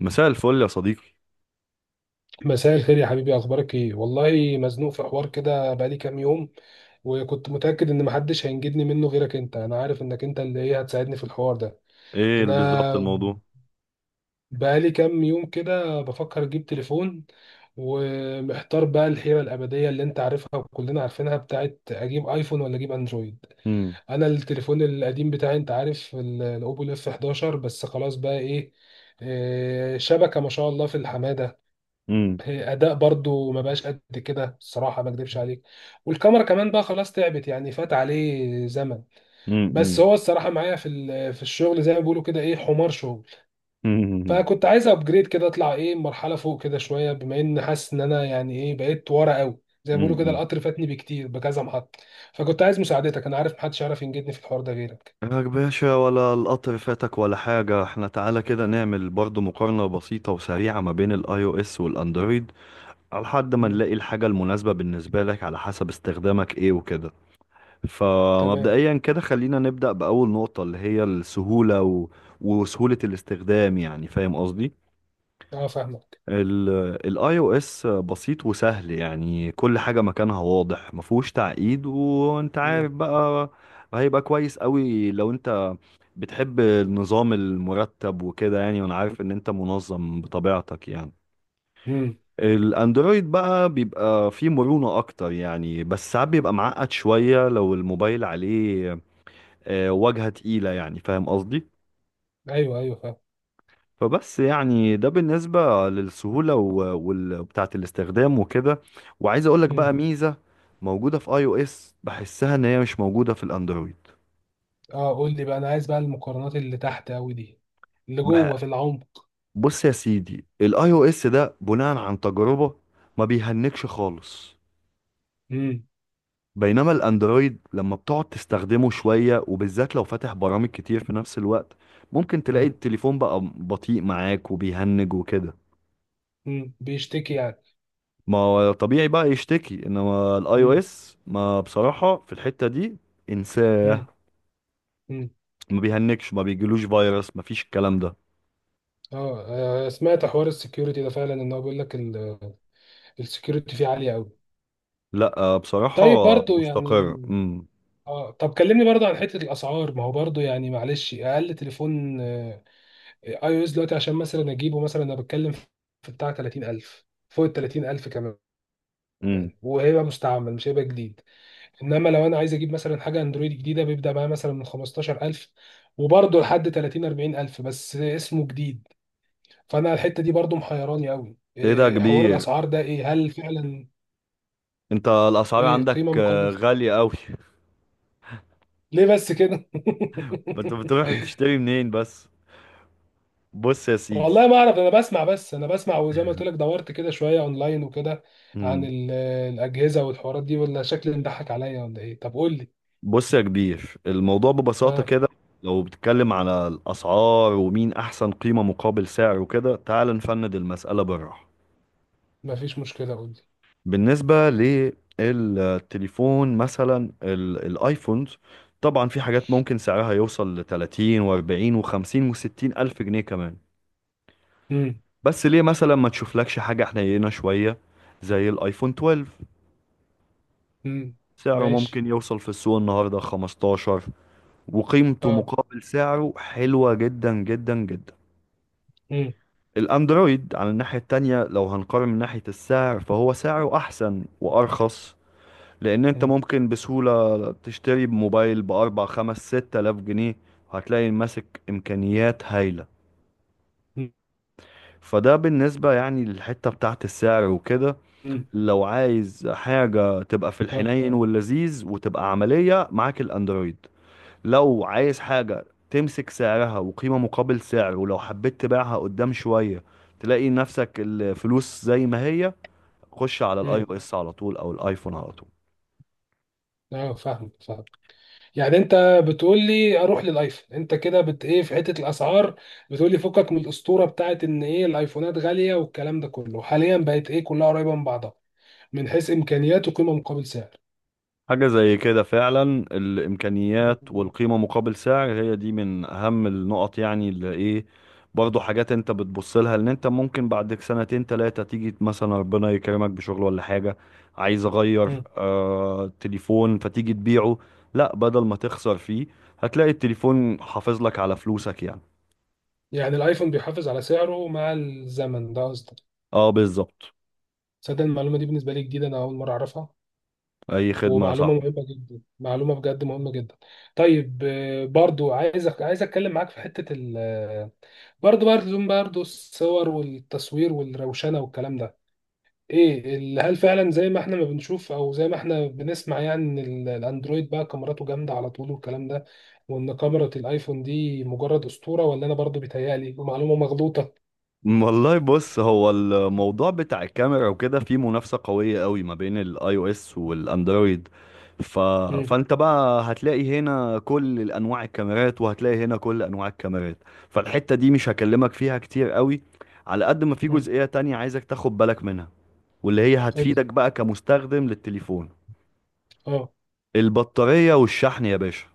مساء الفل يا صديقي. مساء الخير يا حبيبي، اخبارك ايه؟ والله مزنوق في حوار كده بقالي كام يوم، وكنت متاكد ان محدش هينجدني منه غيرك انت. انا عارف انك انت اللي هتساعدني في الحوار ده. ايه انا بالظبط الموضوع؟ بقالي كام يوم كده بفكر اجيب تليفون، ومحتار بقى الحيره الابديه اللي انت عارفها وكلنا عارفينها، بتاعت اجيب ايفون ولا اجيب اندرويد. مم. انا التليفون القديم بتاعي انت عارف الاوبو اف 11، بس خلاص بقى ايه، شبكة ما شاء الله في الحمادة. مم. هي اداء برضو ما بقاش قد كده الصراحه، ما اكدبش عليك. والكاميرا كمان بقى خلاص تعبت، يعني فات عليه زمن. مم. بس مم. هو الصراحه معايا في الشغل، زي ما بيقولوا كده، حمار شغل. مم. فكنت عايز ابجريد كده، اطلع مرحله فوق كده شويه، بما ان حاسس ان انا يعني بقيت ورا قوي. زي ما بيقولوا كده مم. القطر فاتني بكتير بكذا محطه. فكنت عايز مساعدتك، انا عارف محدش يعرف ينجدني في الحوار ده غيرك. يا باشا، ولا القطر فاتك ولا حاجة. احنا تعالى كده نعمل برضو مقارنة بسيطة وسريعة ما بين الاي او اس والاندرويد، على حد ما مم. نلاقي الحاجة المناسبة بالنسبة لك على حسب استخدامك ايه وكده. تمام. فمبدئيا كده خلينا نبدأ بأول نقطة، اللي هي السهولة وسهولة الاستخدام، يعني فاهم قصدي. اه فاهمك. الاي او اس بسيط وسهل، يعني كل حاجة مكانها واضح، مفهوش تعقيد، وانت مم. عارف بقى. هيبقى كويس قوي لو انت بتحب النظام المرتب وكده، يعني وانا عارف ان انت منظم بطبيعتك يعني. مم. الاندرويد بقى بيبقى فيه مرونة اكتر يعني، بس ساعات بيبقى معقد شوية لو الموبايل عليه واجهة تقيلة، يعني فاهم قصدي. ايوه ايوه فاهم. فبس يعني ده بالنسبة للسهولة وبتاعة الاستخدام وكده. وعايز اقولك بقى مم. ميزة موجودة في اي او اس بحسها ان هي مش موجودة في الاندرويد. اه، قول لي بقى، انا عايز بقى المقارنات اللي تحت قوي دي، اللي جوه بح- في العمق. بص يا سيدي، الاي او اس ده بناء عن تجربة ما بيهنكش خالص. امم. بينما الاندرويد لما بتقعد تستخدمه شوية، وبالذات لو فاتح برامج كتير في نفس الوقت، ممكن تلاقي امم التليفون بقى بطيء معاك وبيهنج وكده. بيشتكي يعني. ما هو طبيعي بقى يشتكي. انما الاي او امم. اس ما بصراحة، في الحتة دي انساه، امم. امم. ما بيهنكش، ما بيجيلوش فيروس، ما فيش الكلام ده. اه. سمعت حوار السكيورتي ده فعلا، ان هو بيقول لك السكيورتي فيه عاليه قوي. لا بصراحة طيب برضو يعني. مستقر اه، طب كلمني برضو عن حته الاسعار. ما هو برضو يعني معلش، اقل تليفون اي او اس دلوقتي عشان مثلا اجيبه، مثلا انا بتكلم في بتاع 30000، فوق ال 30000 كمان، امم وهيبقى مستعمل مش هيبقى جديد. انما لو انا عايز اجيب مثلا حاجه اندرويد جديده بيبدا معايا مثلا من 15000، وبرضه لحد 30 40000، بس اسمه جديد. فانا الحته دي برضه محيراني قوي. ايه ده يا إيه حوار كبير؟ الاسعار ده؟ ايه، هل فعلا انت الاسعار ايه عندك قيمه مقابل؟ غالية قوي. ليه بس كده؟ ما انت بتروح تشتري منين بس. بص يا والله سيدي ما اعرف، انا بسمع بس. انا بسمع، وزي ما قلت لك دورت كده شويه اونلاين وكده عن امم الاجهزه والحوارات دي. ولا شكلي مضحك عليا؟ ولا ايه؟ طب قول لي. بص يا كبير، الموضوع ببساطة اه. كده، لو بتتكلم على الاسعار ومين احسن قيمة مقابل سعر وكده، تعال نفند المسألة بالراحة. مفيش مشكله، قول لي. بالنسبة للتليفون مثلا، الايفونز، طبعا في حاجات ممكن سعرها يوصل ل 30 و40 و50 و60 ألف جنيه كمان. امم. بس ليه مثلا ما تشوفلكش حاجة حنينة شوية، زي الايفون 12، امم. سعره ماشي. ممكن يوصل في السوق النهاردة 15، وقيمته اه. مقابل سعره حلوة جدا جدا جدا. امم. الاندرويد على الناحية التانية، لو هنقارن من ناحية السعر، فهو سعره أحسن وأرخص، لان انت ممكن بسهولة تشتري موبايل باربع خمس ست الاف جنيه، هتلاقي ماسك امكانيات هايلة. مم. فده بالنسبة يعني للحتة بتاعت السعر وكده. مم. لو عايز حاجة تبقى في اه. الحنين واللذيذ وتبقى عملية، معاك الاندرويد. لو عايز حاجة تمسك سعرها وقيمة مقابل سعر، ولو حبيت تبيعها قدام شوية تلاقي نفسك الفلوس زي ما هي، خش على الاي مم. او اس على طول او الايفون على طول. فاهم فاهم. يعني انت بتقول لي اروح للايفون؟ انت كده بت في حته الاسعار، بتقول لي فكك من الاسطوره بتاعت ان الايفونات غاليه والكلام ده كله، حاليا بقت كلها قريبه من بعضها من حيث امكانيات وقيمه مقابل سعر. حاجة زي كده فعلا. الإمكانيات مم. والقيمة مقابل سعر هي دي من أهم النقط، يعني اللي إيه برضه، حاجات أنت بتبص لها إن أنت ممكن بعد سنتين تلاتة تيجي مثلا ربنا يكرمك بشغل ولا حاجة، عايز أغير مم. تليفون، فتيجي تبيعه، لا بدل ما تخسر فيه هتلاقي التليفون حافظ لك على فلوسك يعني. يعني الايفون بيحافظ على سعره مع الزمن، ده قصدك؟ اه، بالظبط. تصدق المعلومه دي بالنسبه لي جديده، انا اول مره اعرفها. أي خدمة يا ومعلومه صاحبي. مهمه جدا، معلومه بجد مهمه جدا. طيب برضو عايزك، عايز اتكلم معاك في حته ال، برضه الصور والتصوير والروشنة والكلام ده. هل فعلا زي ما احنا ما بنشوف او زي ما احنا بنسمع، يعني ان الاندرويد بقى كاميراته جامدة على طول والكلام ده، وان كاميرا الايفون دي مجرد اسطورة؟ ولا انا برضه بيتهيألي ومعلومة مغلوطة؟ والله بص، هو الموضوع بتاع الكاميرا وكده فيه منافسة قوية قوي ما بين الاي او اس والاندرويد، ف... امم. فانت بقى هتلاقي هنا كل انواع الكاميرات، وهتلاقي هنا كل انواع الكاميرات، فالحتة دي مش هكلمك فيها كتير قوي، على قد ما في امم. جزئية تانية عايزك تاخد بالك منها، واللي هي قول هتفيدك لي. بقى كمستخدم للتليفون. اه. البطارية والشحن يا باشا.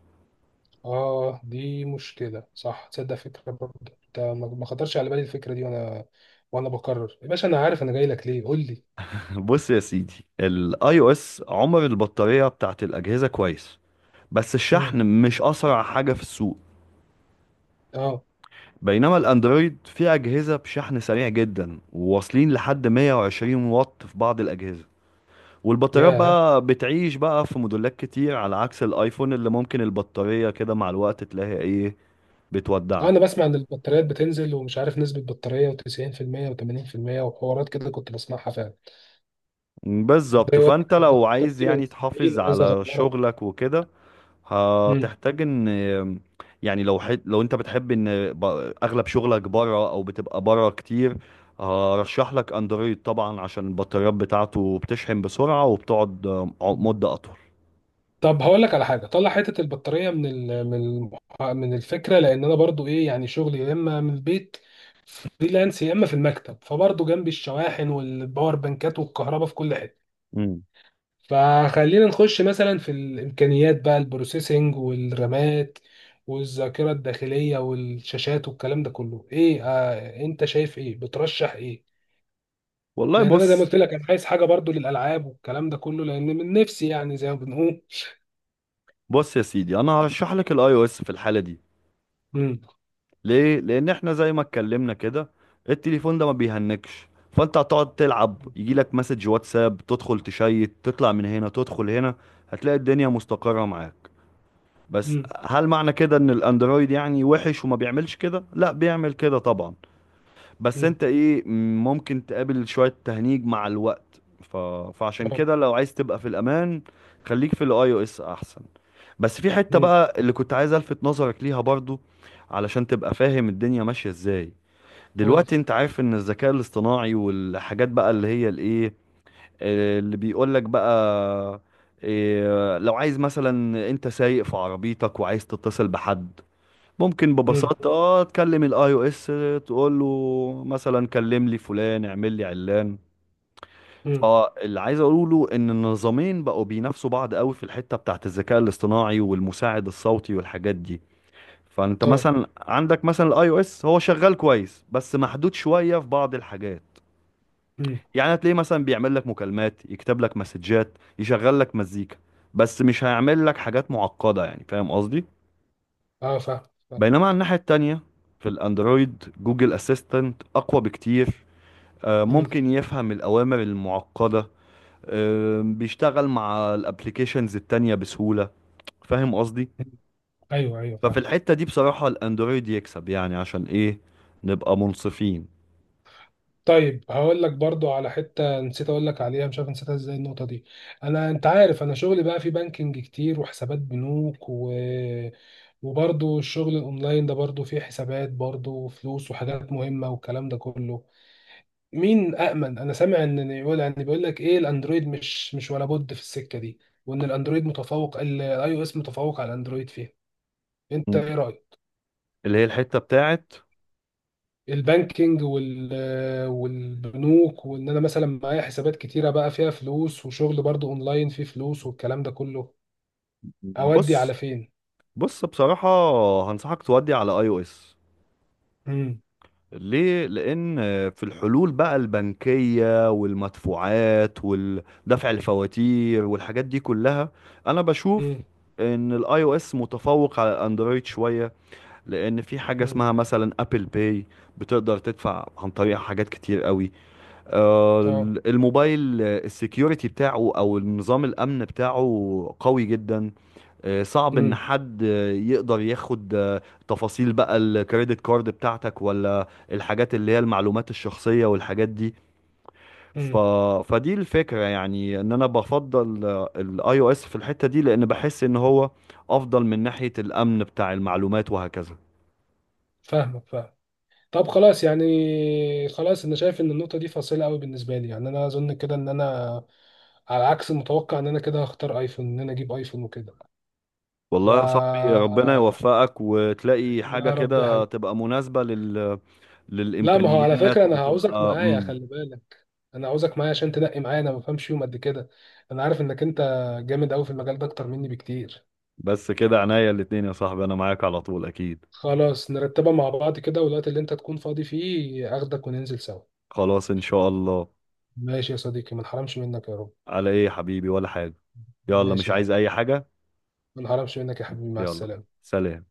اه دي مشكلة صح. تصدق فكرة برضه انت ما خطرش على بالي الفكرة دي. وانا، وانا بكرر يا باشا، انا عارف انا جاي لك ليه، قول لي. بص يا سيدي، الاي او اس عمر البطارية بتاعت الأجهزة كويس، بس الشحن امم. مش أسرع حاجة في السوق. اه. بينما الاندرويد فيه اجهزه بشحن سريع جدا، وواصلين لحد 120 واط في بعض الاجهزه، والبطاريات ياه. بقى بتعيش بقى في موديلات كتير، على عكس الايفون اللي ممكن البطاريه كده مع الوقت تلاقي ايه بتودعك. انا بسمع ان البطاريات بتنزل، ومش عارف نسبة بطارية، و90% و80% وحوارات كده كنت بسمعها فعلا. ده بالظبط، يقول فانت لك أنا لو عايز بطاريتي بقت يعني 70، تحافظ عايز على اغيرها. شغلك وكده مم. هتحتاج ان يعني، لو لو انت بتحب ان اغلب شغلك بره او بتبقى بره كتير، هرشح لك اندرويد طبعا، عشان البطاريات بتاعته بتشحن بسرعة وبتقعد مدة اطول طب هقول لك على حاجة، طلع حتة البطارية من ال- من المح- من الفكرة، لان انا برضو يعني شغلي يا اما من البيت فريلانس، يا اما في المكتب، فبرضو جنبي الشواحن والباور بانكات والكهرباء في كل حتة. امم فخلينا نخش مثلا في الامكانيات بقى، البروسيسنج والرامات والذاكره الداخليه والشاشات والكلام ده كله ايه آه انت شايف ايه؟ بترشح ايه؟ والله لان انا زي ما بص. قلت لك انا عايز حاجه برضو للالعاب والكلام ده كله، لان من نفسي يعني زي ما بنقول. بص يا سيدي، انا هرشح لك الاي او اس في الحالة دي. امم. ليه؟ لان احنا زي ما اتكلمنا كده التليفون ده ما بيهنكش، فانت هتقعد تلعب يجي لك مسج واتساب تدخل تشيت تطلع من هنا تدخل هنا، هتلاقي الدنيا مستقرة معاك. بس امم. هل معنى كده ان الاندرويد يعني وحش وما بيعملش كده؟ لا، بيعمل كده طبعا. بس امم. انت ايه، ممكن تقابل شوية تهنيج مع الوقت، فعشان اه. كده لو عايز تبقى في الامان، خليك في الاي او اس احسن. بس في حتة امم. بقى اللي كنت عايز الفت نظرك ليها برضو، علشان تبقى فاهم الدنيا ماشية ازاي. قول لي. دلوقتي انت عارف ان الذكاء الاصطناعي والحاجات بقى اللي هي الايه اللي بيقول لك بقى، لو عايز مثلا انت سايق في عربيتك وعايز تتصل بحد، ممكن امم. ببساطة تكلم الاي او اس، تقول له مثلا كلم لي فلان اعمل لي علان. امم. فاللي عايز اقوله ان النظامين بقوا بينافسوا بعض قوي في الحتة بتاعت الذكاء الاصطناعي والمساعد الصوتي والحاجات دي. فانت اه. مثلا عندك مثلا الاي او اس هو شغال كويس بس محدود شوية في بعض الحاجات، امم. يعني هتلاقيه مثلا بيعمل لك مكالمات، يكتب لك مسجات، يشغل لك مزيكا، بس مش هيعمل لك حاجات معقدة يعني، فاهم قصدي. اه فاهم. فاهم. بينما على الناحية التانية في الاندرويد جوجل اسيستنت اقوى بكتير، امم. ممكن يفهم الأوامر المعقدة، بيشتغل مع الابليكيشنز التانية بسهولة، فاهم قصدي. أمم. ايوه ايوه ففي فاهم. الحتة دي بصراحة الاندرويد يكسب، يعني عشان ايه؟ نبقى منصفين. طيب هقول لك برضو على حتة نسيت اقول لك عليها، مش عارف نسيتها ازاي النقطة دي. انا انت عارف انا شغلي بقى في بانكينج كتير وحسابات بنوك، و... وبرضو الشغل الاونلاين ده برضو فيه حسابات برضو وفلوس وحاجات مهمة والكلام ده كله. مين أأمن؟ انا سامع ان يقول يعني بيقول لك الاندرويد مش ولا بد في السكة دي، وان الاندرويد متفوق، الاي او اس متفوق على الاندرويد فيها. انت مم. ايه رأيك؟ اللي هي الحتة بتاعت، البانكينج وال، والبنوك، وان انا مثلا معايا حسابات كتيره بقى فيها فلوس وشغل برضو اونلاين فيه فلوس والكلام ده كله، اودي على بص فين؟ بص بصراحة هنصحك تودي على اي او اس. امم. ليه؟ لأن في الحلول بقى البنكية والمدفوعات ودفع الفواتير والحاجات دي كلها، أنا بشوف امم. إن الآي أو إس متفوق على الأندرويد شوية، لأن في حاجة امم. اسمها مثلا أبل باي، بتقدر تدفع عن طريق حاجات كتير قوي. آه، اه. الموبايل السكيورتي بتاعه أو النظام الأمن بتاعه قوي جدا، صعب ان امم. حد يقدر ياخد تفاصيل بقى الكريدت كارد بتاعتك، ولا الحاجات اللي هي المعلومات الشخصية والحاجات دي، ف... امم. فدي الفكرة، يعني ان انا بفضل الاي او اس في الحتة دي، لان بحس ان هو افضل من ناحية الامن بتاع المعلومات وهكذا. فاهمك فاهم. طب خلاص يعني. خلاص انا شايف ان النقطه دي فاصله قوي بالنسبه لي، يعني انا اظن كده ان انا على عكس المتوقع ان انا كده هختار ايفون، ان انا اجيب ايفون وكده. ف، والله يا صاحبي ربنا يوفقك وتلاقي حاجة يا رب كده تبقى مناسبة لا، ما هو على للإمكانيات، فكرة أنا هعوزك وتبقى معايا مم. خلي بالك. أنا عاوزك معايا عشان تنقي معايا، أنا ما بفهمش يوم قد كده. أنا عارف إنك أنت جامد أوي في المجال ده أكتر مني بكتير. بس كده عناية الاتنين يا صاحبي، أنا معاك على طول أكيد. خلاص نرتبها مع بعض كده، والوقت اللي أنت تكون فاضي فيه أخدك وننزل سوا. خلاص إن شاء الله. ماشي يا صديقي، ما نحرمش منك يا رب. على ايه يا حبيبي؟ ولا حاجة. يلا مش ماشي يا عايز حبيبي، اي حاجة. ما نحرمش منك يا حبيبي، مع يلا، السلامة. سلام.